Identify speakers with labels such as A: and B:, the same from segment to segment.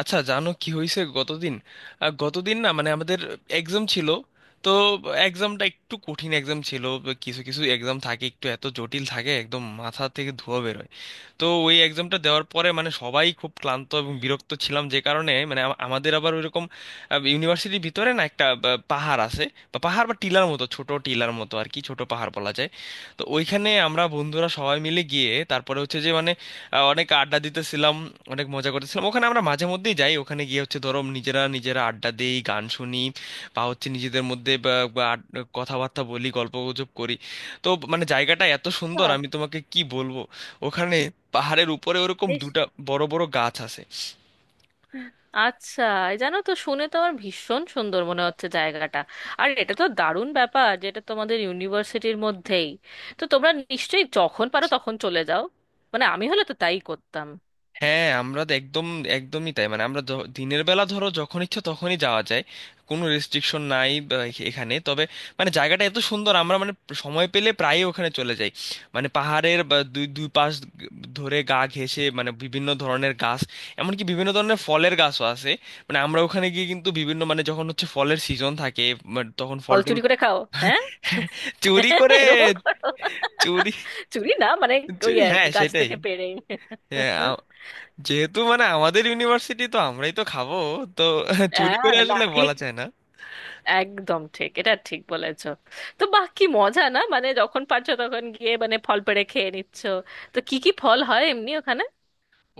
A: আচ্ছা, জানো কি হয়েছে গতদিন? গতদিন না, মানে আমাদের এক্সাম ছিল। তো এক্সামটা একটু কঠিন এক্সাম ছিল। কিছু কিছু এক্সাম থাকে একটু এত জটিল থাকে, একদম মাথা থেকে ধোঁয়া বেরোয়। তো ওই এক্সামটা দেওয়ার পরে মানে সবাই খুব ক্লান্ত এবং বিরক্ত ছিলাম, যে কারণে মানে আমাদের আবার ওইরকম ইউনিভার্সিটির ভিতরে না একটা পাহাড় আছে, বা পাহাড় বা টিলার মতো, ছোট টিলার মতো আর কি, ছোট পাহাড় বলা যায়। তো ওইখানে আমরা বন্ধুরা সবাই মিলে গিয়ে তারপরে হচ্ছে যে মানে অনেক আড্ডা দিতেছিলাম, অনেক মজা করতেছিলাম। ওখানে আমরা মাঝে মধ্যেই যাই, ওখানে গিয়ে হচ্ছে ধরো নিজেরা নিজেরা আড্ডা দিই, গান শুনি, বা হচ্ছে নিজেদের মধ্যে বা- বা আড- কথাবার্তা বলি, গল্পগুজব করি। তো মানে জায়গাটা এত সুন্দর
B: বাহ,
A: আমি তোমাকে কি বলবো। ওখানে পাহাড়ের উপরে ওরকম
B: বেশ।
A: দুটা বড় বড় গাছ আছে।
B: হ্যাঁ। আচ্ছা, এই জানো তো, শুনে তো আমার ভীষণ সুন্দর মনে হচ্ছে জায়গাটা। আর এটা তো দারুণ ব্যাপার, যেটা তোমাদের ইউনিভার্সিটির মধ্যেই। তো তোমরা নিশ্চয়ই যখন পারো তখন চলে যাও। আমি হলে তো তাই করতাম।
A: হ্যাঁ, আমরা তো একদম একদমই তাই, মানে আমরা দিনের বেলা ধরো যখন ইচ্ছা তখনই যাওয়া যায়, কোনো রেস্ট্রিকশন নাই বা এখানে। তবে মানে জায়গাটা এত সুন্দর, আমরা মানে সময় পেলে প্রায়ই ওখানে চলে যাই। মানে পাহাড়ের বা দুই দুই পাশ গ- ধরে গা ঘেঁষে মানে বিভিন্ন ধরনের গাছ, এমনকি বিভিন্ন ধরনের ফলের গাছও আছে। মানে আমরা ওখানে গিয়ে কিন্তু বিভিন্ন মানে যখন হচ্ছে ফলের সিজন থাকে, মানে তখন ফল
B: ফল
A: টল।
B: চুরি করে খাও? হ্যাঁ,
A: চুরি করে।
B: এরকম করো?
A: চুরি।
B: চুরি না ওই
A: চুরি
B: আর কি,
A: হ্যাঁ
B: গাছ
A: সেটাই।
B: থেকে পেড়ে।
A: হ্যাঁ, যেহেতু মানে আমাদের ইউনিভার্সিটি তো আমরাই তো খাবো, তো চুরি
B: হ্যাঁ,
A: করে
B: না
A: আসলে
B: ঠিক।
A: বলা যায় না।
B: একদম ঠিক, এটা ঠিক বলেছো। তো বাহ, কি মজা না, যখন পারছো তখন গিয়ে ফল পেড়ে খেয়ে নিচ্ছ। তো কি কি ফল হয় এমনি ওখানে?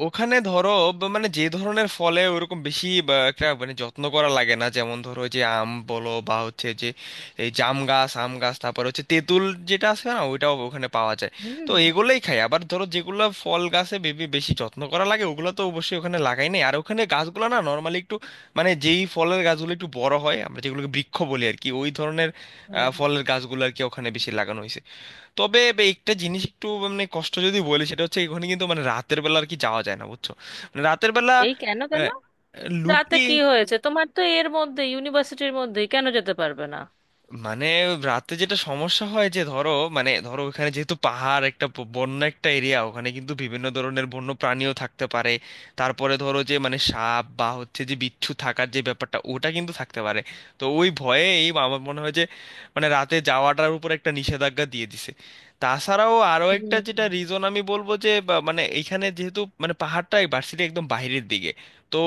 A: ওখানে ধরো মানে যে ধরনের ফলে ওরকম বেশি বা, একটা মানে যত্ন করা লাগে না, যেমন ধরো যে আম বলো বা হচ্ছে যে এই জাম গাছ, আম গাছ, তারপর হচ্ছে তেঁতুল, যেটা আছে না, ওইটাও ওখানে পাওয়া যায়।
B: হুম।
A: তো এগুলোই খাই। আবার ধরো যেগুলো ফল গাছে বেবি বেশি যত্ন করা লাগে ওগুলো তো অবশ্যই ওখানে লাগাই নাই। আর ওখানে গাছগুলো না নর্মালি একটু মানে যেই ফলের গাছগুলো একটু বড় হয়, আমরা যেগুলোকে বৃক্ষ বলি আর কি, ওই ধরনের
B: হুম।
A: ফলের গাছগুলো আর কি ওখানে বেশি লাগানো হয়েছে। তবে একটা জিনিস একটু মানে কষ্ট যদি বলি, সেটা হচ্ছে এখানে কিন্তু মানে রাতের বেলা আর কি যাওয়া যায় না, বুঝছো? মানে রাতের বেলা
B: এই কেন, কেন?
A: আহ,
B: রাতে
A: লুকিয়ে,
B: কি হয়েছে তোমার? তো এর মধ্যে, ইউনিভার্সিটির মধ্যে কেন যেতে পারবে না?
A: মানে রাতে যেটা সমস্যা হয় যে ধরো মানে ধরো ওখানে যেহেতু পাহাড় একটা বন্য একটা এরিয়া, ওখানে কিন্তু বিভিন্ন ধরনের বন্য প্রাণীও থাকতে পারে। তারপরে ধরো যে মানে সাপ বা হচ্ছে যে বিচ্ছু থাকার যে ব্যাপারটা ওটা কিন্তু থাকতে পারে। তো ওই ভয়ে এই আমার মনে হয় যে মানে রাতে যাওয়াটার উপর একটা নিষেধাজ্ঞা দিয়ে দিছে। তাছাড়াও আরো একটা
B: হুম।
A: যেটা রিজন আমি বলবো যে বা মানে এখানে যেহেতু মানে পাহাড়টা ভার্সিটি একদম বাইরের দিকে, তো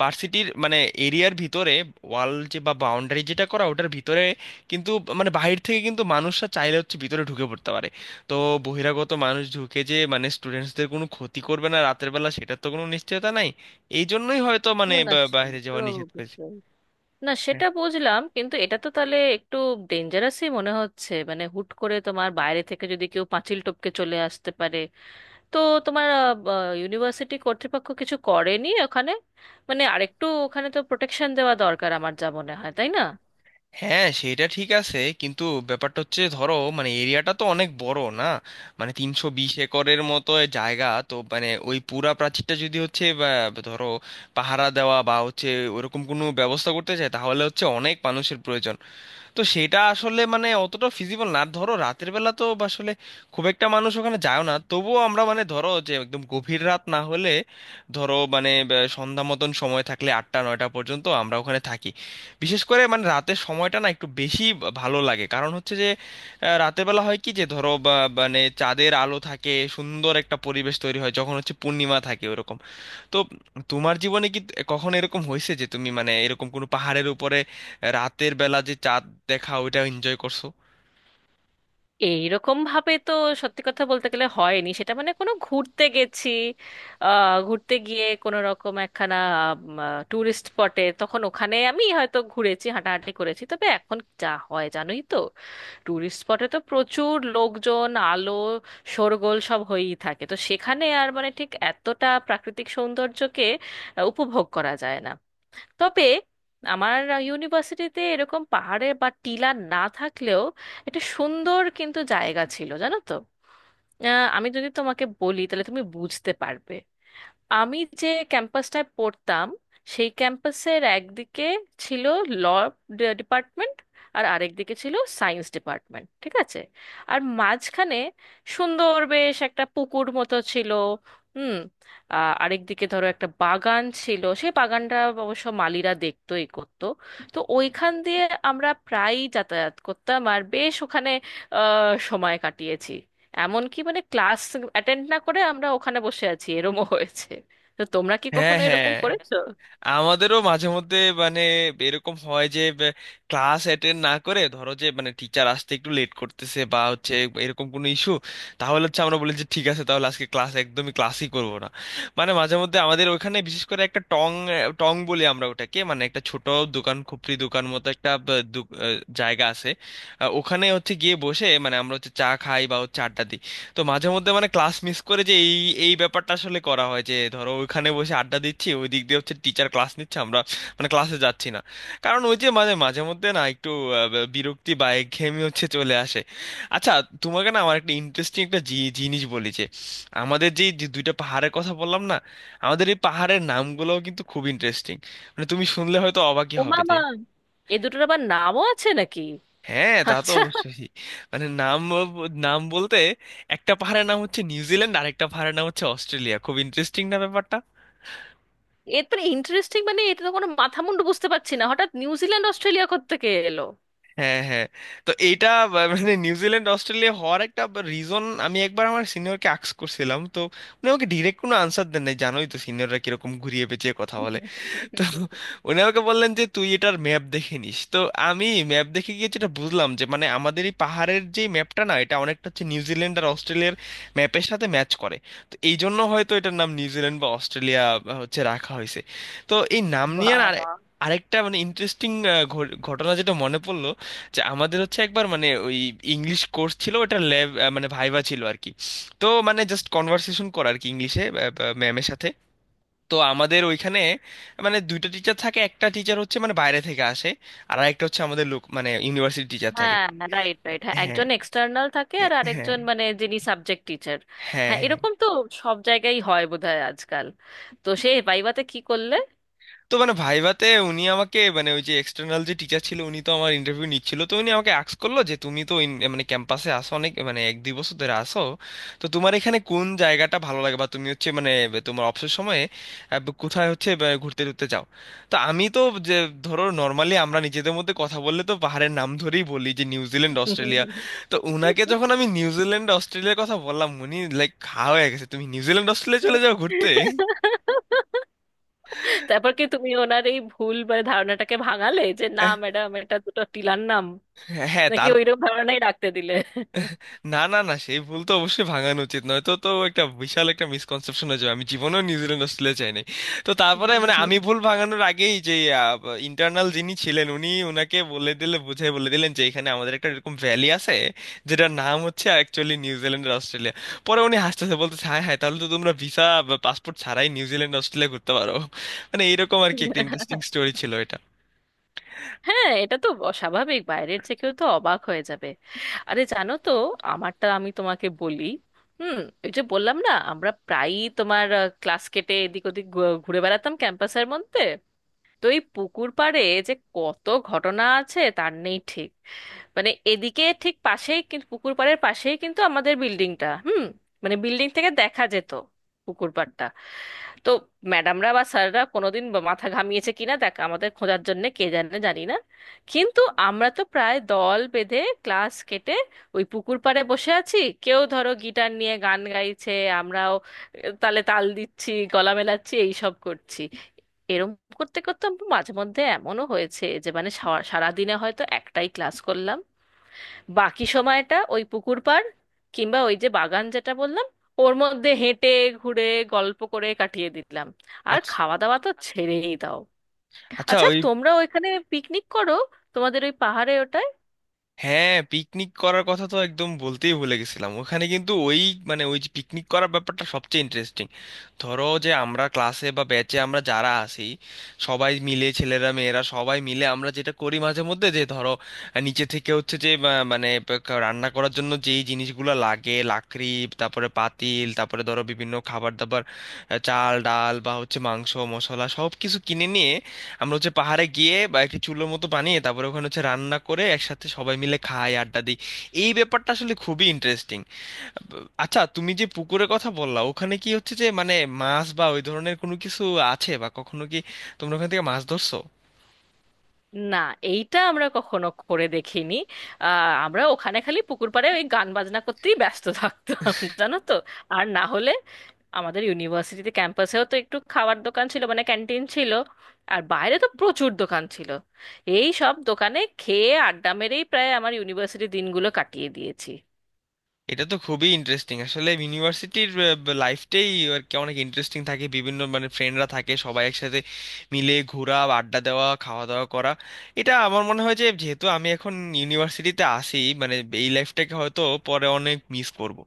A: ভার্সিটির মানে এরিয়ার ভিতরে ওয়াল যে বা বাউন্ডারি যেটা করা ওটার ভিতরে, কিন্তু মানে বাহির থেকে কিন্তু মানুষরা চাইলে হচ্ছে ভিতরে ঢুকে পড়তে পারে। তো বহিরাগত মানুষ ঢুকে যে মানে স্টুডেন্টসদের কোনো ক্ষতি করবে না রাতের বেলা সেটার তো কোনো নিশ্চয়তা নাই। এই জন্যই হয়তো মানে
B: না না, সে
A: বাইরে
B: তো
A: যাওয়া নিষেধ করেছে।
B: অবশ্যই। না,
A: হ্যাঁ।
B: সেটা বুঝলাম, কিন্তু এটা তো তাহলে একটু ডেঞ্জারাসই মনে হচ্ছে। হুট করে তোমার বাইরে থেকে যদি কেউ পাঁচিল টপকে চলে আসতে পারে, তো তোমার ইউনিভার্সিটি কর্তৃপক্ষ কিছু করেনি ওখানে? আরেকটু ওখানে তো প্রোটেকশন দেওয়া দরকার, আমার যা মনে হয়, তাই না?
A: হ্যাঁ, সেটা ঠিক আছে, কিন্তু ব্যাপারটা হচ্ছে ধরো মানে এরিয়াটা তো অনেক বড় না, মানে 320 একরের মতো এ জায়গা, তো মানে ওই পুরা প্রাচীরটা যদি হচ্ছে বা, ধরো পাহারা দেওয়া বা হচ্ছে ওরকম কোনো ব্যবস্থা করতে চায় তাহলে হচ্ছে অনেক মানুষের প্রয়োজন। তো সেটা আসলে মানে অতটা ফিজিবল না। ধরো রাতের বেলা তো আসলে খুব একটা মানুষ ওখানে যায় না, তবুও আমরা মানে ধরো যে একদম গভীর রাত না হলে, ধরো মানে সন্ধ্যা মতন সময় থাকলে 8টা 9টা পর্যন্ত আমরা ওখানে থাকি। বিশেষ করে মানে রাতের সময়টা না একটু বেশি ভালো লাগে, কারণ হচ্ছে যে রাতের বেলা হয় কি যে ধরো মানে চাঁদের আলো থাকে, সুন্দর একটা পরিবেশ তৈরি হয় যখন হচ্ছে পূর্ণিমা থাকে ওরকম। তো তোমার জীবনে কি কখনো এরকম হয়েছে যে তুমি মানে এরকম কোনো পাহাড়ের উপরে রাতের বেলা যে চাঁদ দেখা ওইটা এনজয় করছো?
B: এইরকম ভাবে তো সত্যি কথা বলতে গেলে হয়নি সেটা। কোনো ঘুরতে গেছি, ঘুরতে গিয়ে কোনো রকম একখানা ট্যুরিস্ট স্পটে, তখন ওখানে আমি হয়তো ঘুরেছি, হাঁটাহাঁটি করেছি। তবে এখন যা হয় জানোই তো, টুরিস্ট স্পটে তো প্রচুর লোকজন, আলো, শোরগোল সব হয়েই থাকে। তো সেখানে আর ঠিক এতটা প্রাকৃতিক সৌন্দর্যকে উপভোগ করা যায় না। তবে আমার ইউনিভার্সিটিতে এরকম পাহাড়ে বা টিলা না থাকলেও একটা সুন্দর কিন্তু জায়গা ছিল জানো তো। আমি যদি তোমাকে বলি তাহলে তুমি বুঝতে পারবে। আমি যে ক্যাম্পাসটায় পড়তাম, সেই ক্যাম্পাসের একদিকে ছিল ল ডিপার্টমেন্ট, আর আরেকদিকে ছিল সায়েন্স ডিপার্টমেন্ট, ঠিক আছে? আর মাঝখানে সুন্দর বেশ একটা পুকুর মতো ছিল। হুম। আরেকদিকে ধরো একটা বাগান ছিল। সেই বাগানটা অবশ্য মালিরা দেখতো, এই করতো। তো ওইখান দিয়ে আমরা প্রায়ই যাতায়াত করতাম, আর বেশ ওখানে সময় কাটিয়েছি। এমনকি ক্লাস অ্যাটেন্ড না করে আমরা ওখানে বসে আছি, এরমও হয়েছে। তো তোমরা কি
A: হ্যাঁ
B: কখনো এরকম
A: হ্যাঁ,
B: করেছো?
A: আমাদেরও মাঝে মধ্যে মানে এরকম হয় যে ক্লাস অ্যাটেন্ড না করে ধরো যে মানে টিচার আসতে একটু লেট করতেছে বা হচ্ছে এরকম কোনো ইস্যু, তাহলে হচ্ছে আমরা বলি যে ঠিক আছে তাহলে আজকে ক্লাস একদমই ক্লাসই করব না। মানে মাঝে মধ্যে আমাদের ওখানে বিশেষ করে একটা টং, টং বলি আমরা ওটাকে, মানে একটা ছোট দোকান, খুপড়ি দোকান মতো একটা জায়গা আছে। ওখানে হচ্ছে গিয়ে বসে মানে আমরা হচ্ছে চা খাই বা হচ্ছে আড্ডা দিই। তো মাঝে মধ্যে মানে ক্লাস মিস করে যে এই এই ব্যাপারটা আসলে করা হয় যে ধরো ওইখানে বসে আড্ডা দিচ্ছি, ওই দিক দিয়ে হচ্ছে টিচার ক্লাস নিচ্ছে, আমরা মানে ক্লাসে যাচ্ছি না। কারণ ওই যে মানে মাঝে মধ্যে না একটু বিরক্তি বা একঘেয়েমি হচ্ছে চলে আসে। আচ্ছা, তোমাকে না আমার একটা ইন্টারেস্টিং একটা জিনিস বলি যে আমাদের যে যে দুইটা পাহাড়ের কথা বললাম না, আমাদের এই পাহাড়ের নামগুলোও কিন্তু খুব ইন্টারেস্টিং। মানে তুমি শুনলে হয়তো অবাকই
B: ও
A: হবে।
B: মামা, এ দুটোর আবার নামও আছে নাকি?
A: হ্যাঁ তা তো
B: আচ্ছা,
A: অবশ্যই। মানে নাম নাম বলতে, একটা পাহাড়ের নাম হচ্ছে নিউজিল্যান্ড আর একটা পাহাড়ের নাম হচ্ছে অস্ট্রেলিয়া। খুব ইন্টারেস্টিং না ব্যাপারটা?
B: এর তো ইন্টারেস্টিং, এটা তো কোনো মাথা মুন্ডু বুঝতে পারছি না। হঠাৎ নিউজিল্যান্ড অস্ট্রেলিয়া কোত্থেকে এলো?
A: হ্যাঁ হ্যাঁ। তো এইটা মানে নিউজিল্যান্ড অস্ট্রেলিয়া হওয়ার একটা রিজন আমি একবার আমার সিনিয়রকে আক্স করছিলাম। তো উনি আমাকে ডিরেক্ট কোনো আনসার দেন নাই, জানোই তো সিনিয়ররা কিরকম ঘুরিয়ে পেঁচিয়ে কথা বলে। তো উনি আমাকে বললেন যে তুই এটার ম্যাপ দেখে নিস। তো আমি ম্যাপ দেখে গিয়ে যেটা বুঝলাম যে মানে আমাদের এই পাহাড়ের যে ম্যাপটা না এটা অনেকটা হচ্ছে নিউজিল্যান্ড আর অস্ট্রেলিয়ার ম্যাপের সাথে ম্যাচ করে। তো এই জন্য হয়তো এটার নাম নিউজিল্যান্ড বা অস্ট্রেলিয়া হচ্ছে রাখা হয়েছে। তো এই নাম নিয়ে আর
B: বাবা।
A: আরেকটা মানে ইন্টারেস্টিং ঘটনা যেটা মনে পড়লো, যে আমাদের হচ্ছে একবার মানে ওই ইংলিশ কোর্স ছিল, ওটার ল্যাব মানে ভাইভা ছিল আর কি। তো মানে জাস্ট কনভারসেশন করা আর কি ইংলিশে ম্যামের সাথে। তো আমাদের ওইখানে মানে দুইটা টিচার থাকে, একটা টিচার হচ্ছে মানে বাইরে থেকে আসে, আর একটা হচ্ছে আমাদের লোক মানে ইউনিভার্সিটি টিচার থাকে।
B: হ্যাঁ, রাইট, রাইট, হ্যাঁ,
A: হ্যাঁ
B: একজন এক্সটার্নাল থাকে,
A: হ্যাঁ।
B: আর
A: হ্যাঁ
B: আরেকজন যিনি সাবজেক্ট টিচার।
A: হ্যাঁ
B: হ্যাঁ,
A: হ্যাঁ।
B: এরকম তো সব জায়গায় হয় বোধহয় আজকাল। তো সে ভাইভাতে কি করলে?
A: তো মানে ভাইভাতে উনি আমাকে মানে ওই যে এক্সটার্নাল যে টিচার ছিল উনি তো আমার ইন্টারভিউ নিচ্ছিল, তো উনি আমাকে আস্ক করলো যে তুমি তো মানে ক্যাম্পাসে আসো অনেক, মানে 1 2 বছর ধরে আসো, তো তোমার এখানে কোন জায়গাটা ভালো লাগে বা তুমি হচ্ছে মানে তোমার অবসর সময়ে কোথায় হচ্ছে ঘুরতে টুরতে যাও। তো আমি তো যে ধরো নর্মালি আমরা নিজেদের মধ্যে কথা বললে তো পাহাড়ের নাম ধরেই বলি যে নিউজিল্যান্ড অস্ট্রেলিয়া। তো উনাকে যখন আমি নিউজিল্যান্ড অস্ট্রেলিয়ার কথা বললাম, উনি লাইক খা হয়ে গেছে তুমি নিউজিল্যান্ড অস্ট্রেলিয়া চলে যাও ঘুরতে।
B: তারপর কি তুমি ওনার এই ভুল বা ধারণাটাকে ভাঙালে যে, না ম্যাডাম, এটা দুটো টিলার নাম,
A: হ্যাঁ।
B: নাকি ওইরকম ধারণাই রাখতে দিলে?
A: না না না, সেই ভুল তো অবশ্যই ভাঙানো উচিত, নয়তো তো একটা বিশাল একটা মিসকনসেপশন হয়ে যাবে, আমি জীবনেও নিউজিল্যান্ড অস্ট্রেলিয়া চাইনি। তো তারপরে মানে আমি ভুল ভাঙানোর আগেই যে ইন্টারনাল যিনি ছিলেন উনি ওনাকে বলে দিলে বুঝাই বলে দিলেন যে এখানে আমাদের একটা এরকম ভ্যালি আছে যেটার নাম হচ্ছে অ্যাকচুয়ালি নিউজিল্যান্ড আর অস্ট্রেলিয়া। পরে উনি হাসতেছে বলতেছে হ্যাঁ হ্যাঁ তাহলে তো তোমরা ভিসা বা পাসপোর্ট ছাড়াই নিউজিল্যান্ড অস্ট্রেলিয়া ঘুরতে পারো। মানে এইরকম আর কি একটা ইন্টারেস্টিং স্টোরি ছিল এটা।
B: হ্যাঁ, এটা তো অস্বাভাবিক, বাইরের যে কেউ তো অবাক হয়ে যাবে। আরে জানো তো, আমারটা আমি তোমাকে বলি। হুম। ওই যে বললাম না, আমরা প্রায়ই তোমার ক্লাস কেটে এদিক ওদিক ঘুরে বেড়াতাম ক্যাম্পাসের মধ্যে। তো এই পুকুর পাড়ে যে কত ঘটনা আছে তার নেই ঠিক। এদিকে ঠিক পাশেই, কিন্তু পুকুর পাড়ের পাশেই কিন্তু আমাদের বিল্ডিংটা। হুম। মানে বিল্ডিং থেকে দেখা যেত পুকুর পাড়টা। তো ম্যাডামরা বা স্যাররা কোনোদিন বা মাথা ঘামিয়েছে কিনা দেখ, আমাদের খোঁজার জন্য, কে জানে, জানি না। কিন্তু আমরা তো প্রায় দল বেঁধে ক্লাস কেটে ওই পুকুর পাড়ে বসে আছি, কেউ ধরো গিটার নিয়ে গান গাইছে, আমরাও তালে তাল দিচ্ছি, গলা মেলাচ্ছি, এইসব করছি। এরম করতে করতে আমার মাঝে মধ্যে এমনও হয়েছে যে সারাদিনে হয়তো একটাই ক্লাস করলাম, বাকি সময়টা ওই পুকুর পাড়, কিংবা ওই যে বাগান যেটা বললাম, ওর মধ্যে হেঁটে, ঘুরে, গল্প করে কাটিয়ে দিলাম। আর
A: আচ্ছা,
B: খাওয়া দাওয়া তো ছেড়েই দাও।
A: আচ্ছা
B: আচ্ছা,
A: ওই,
B: তোমরা ওইখানে পিকনিক করো? তোমাদের ওই পাহাড়ে, ওটায়?
A: হ্যাঁ পিকনিক করার কথা তো একদম বলতেই ভুলে গেছিলাম। ওখানে কিন্তু ওই মানে ওই যে পিকনিক করার ব্যাপারটা সবচেয়ে ইন্টারেস্টিং। ধরো যে আমরা ক্লাসে বা ব্যাচে আমরা যারা আছি সবাই মিলে, ছেলেরা মেয়েরা সবাই মিলে আমরা যেটা করি মাঝে মধ্যে যে ধরো নিচে থেকে হচ্ছে যে মানে রান্না করার জন্য যেই জিনিসগুলো লাগে, লাকড়ি, তারপরে পাতিল, তারপরে ধরো বিভিন্ন খাবার দাবার, চাল ডাল বা হচ্ছে মাংস মশলা সব কিছু কিনে নিয়ে আমরা হচ্ছে পাহাড়ে গিয়ে বা একটি চুলোর মতো বানিয়ে, তারপরে ওখানে হচ্ছে রান্না করে একসাথে সবাই মিলে খাই, আড্ডা দিই। এই ব্যাপারটা আসলে খুবই ইন্টারেস্টিং। আচ্ছা, তুমি যে পুকুরের কথা বললা, ওখানে কি হচ্ছে যে মানে মাছ বা ওই ধরনের কোনো কিছু আছে, বা কখনো কি তোমরা ওখান থেকে মাছ ধরছো?
B: না, এইটা আমরা কখনো করে দেখিনি। আহ, আমরা ওখানে খালি পুকুর পাড়ে ওই গান বাজনা করতেই ব্যস্ত থাকতাম, জানো তো। আর না হলে আমাদের ইউনিভার্সিটিতে ক্যাম্পাসেও তো একটু খাবার দোকান ছিল, মানে ক্যান্টিন ছিল। আর বাইরে তো প্রচুর দোকান ছিল। এই সব দোকানে খেয়ে আড্ডা মেরেই প্রায় আমার ইউনিভার্সিটি দিনগুলো কাটিয়ে দিয়েছি।
A: এটা তো খুবই ইন্টারেস্টিং আসলে ইউনিভার্সিটির লাইফটাই আর কি, অনেক ইন্টারেস্টিং থাকে, বিভিন্ন মানে ফ্রেন্ডরা থাকে সবাই একসাথে মিলে ঘোরা, আড্ডা দেওয়া, খাওয়া দাওয়া করা। এটা আমার মনে হয় যে যেহেতু আমি এখন ইউনিভার্সিটিতে আসি মানে এই লাইফটাকে হয়তো পরে অনেক মিস করব।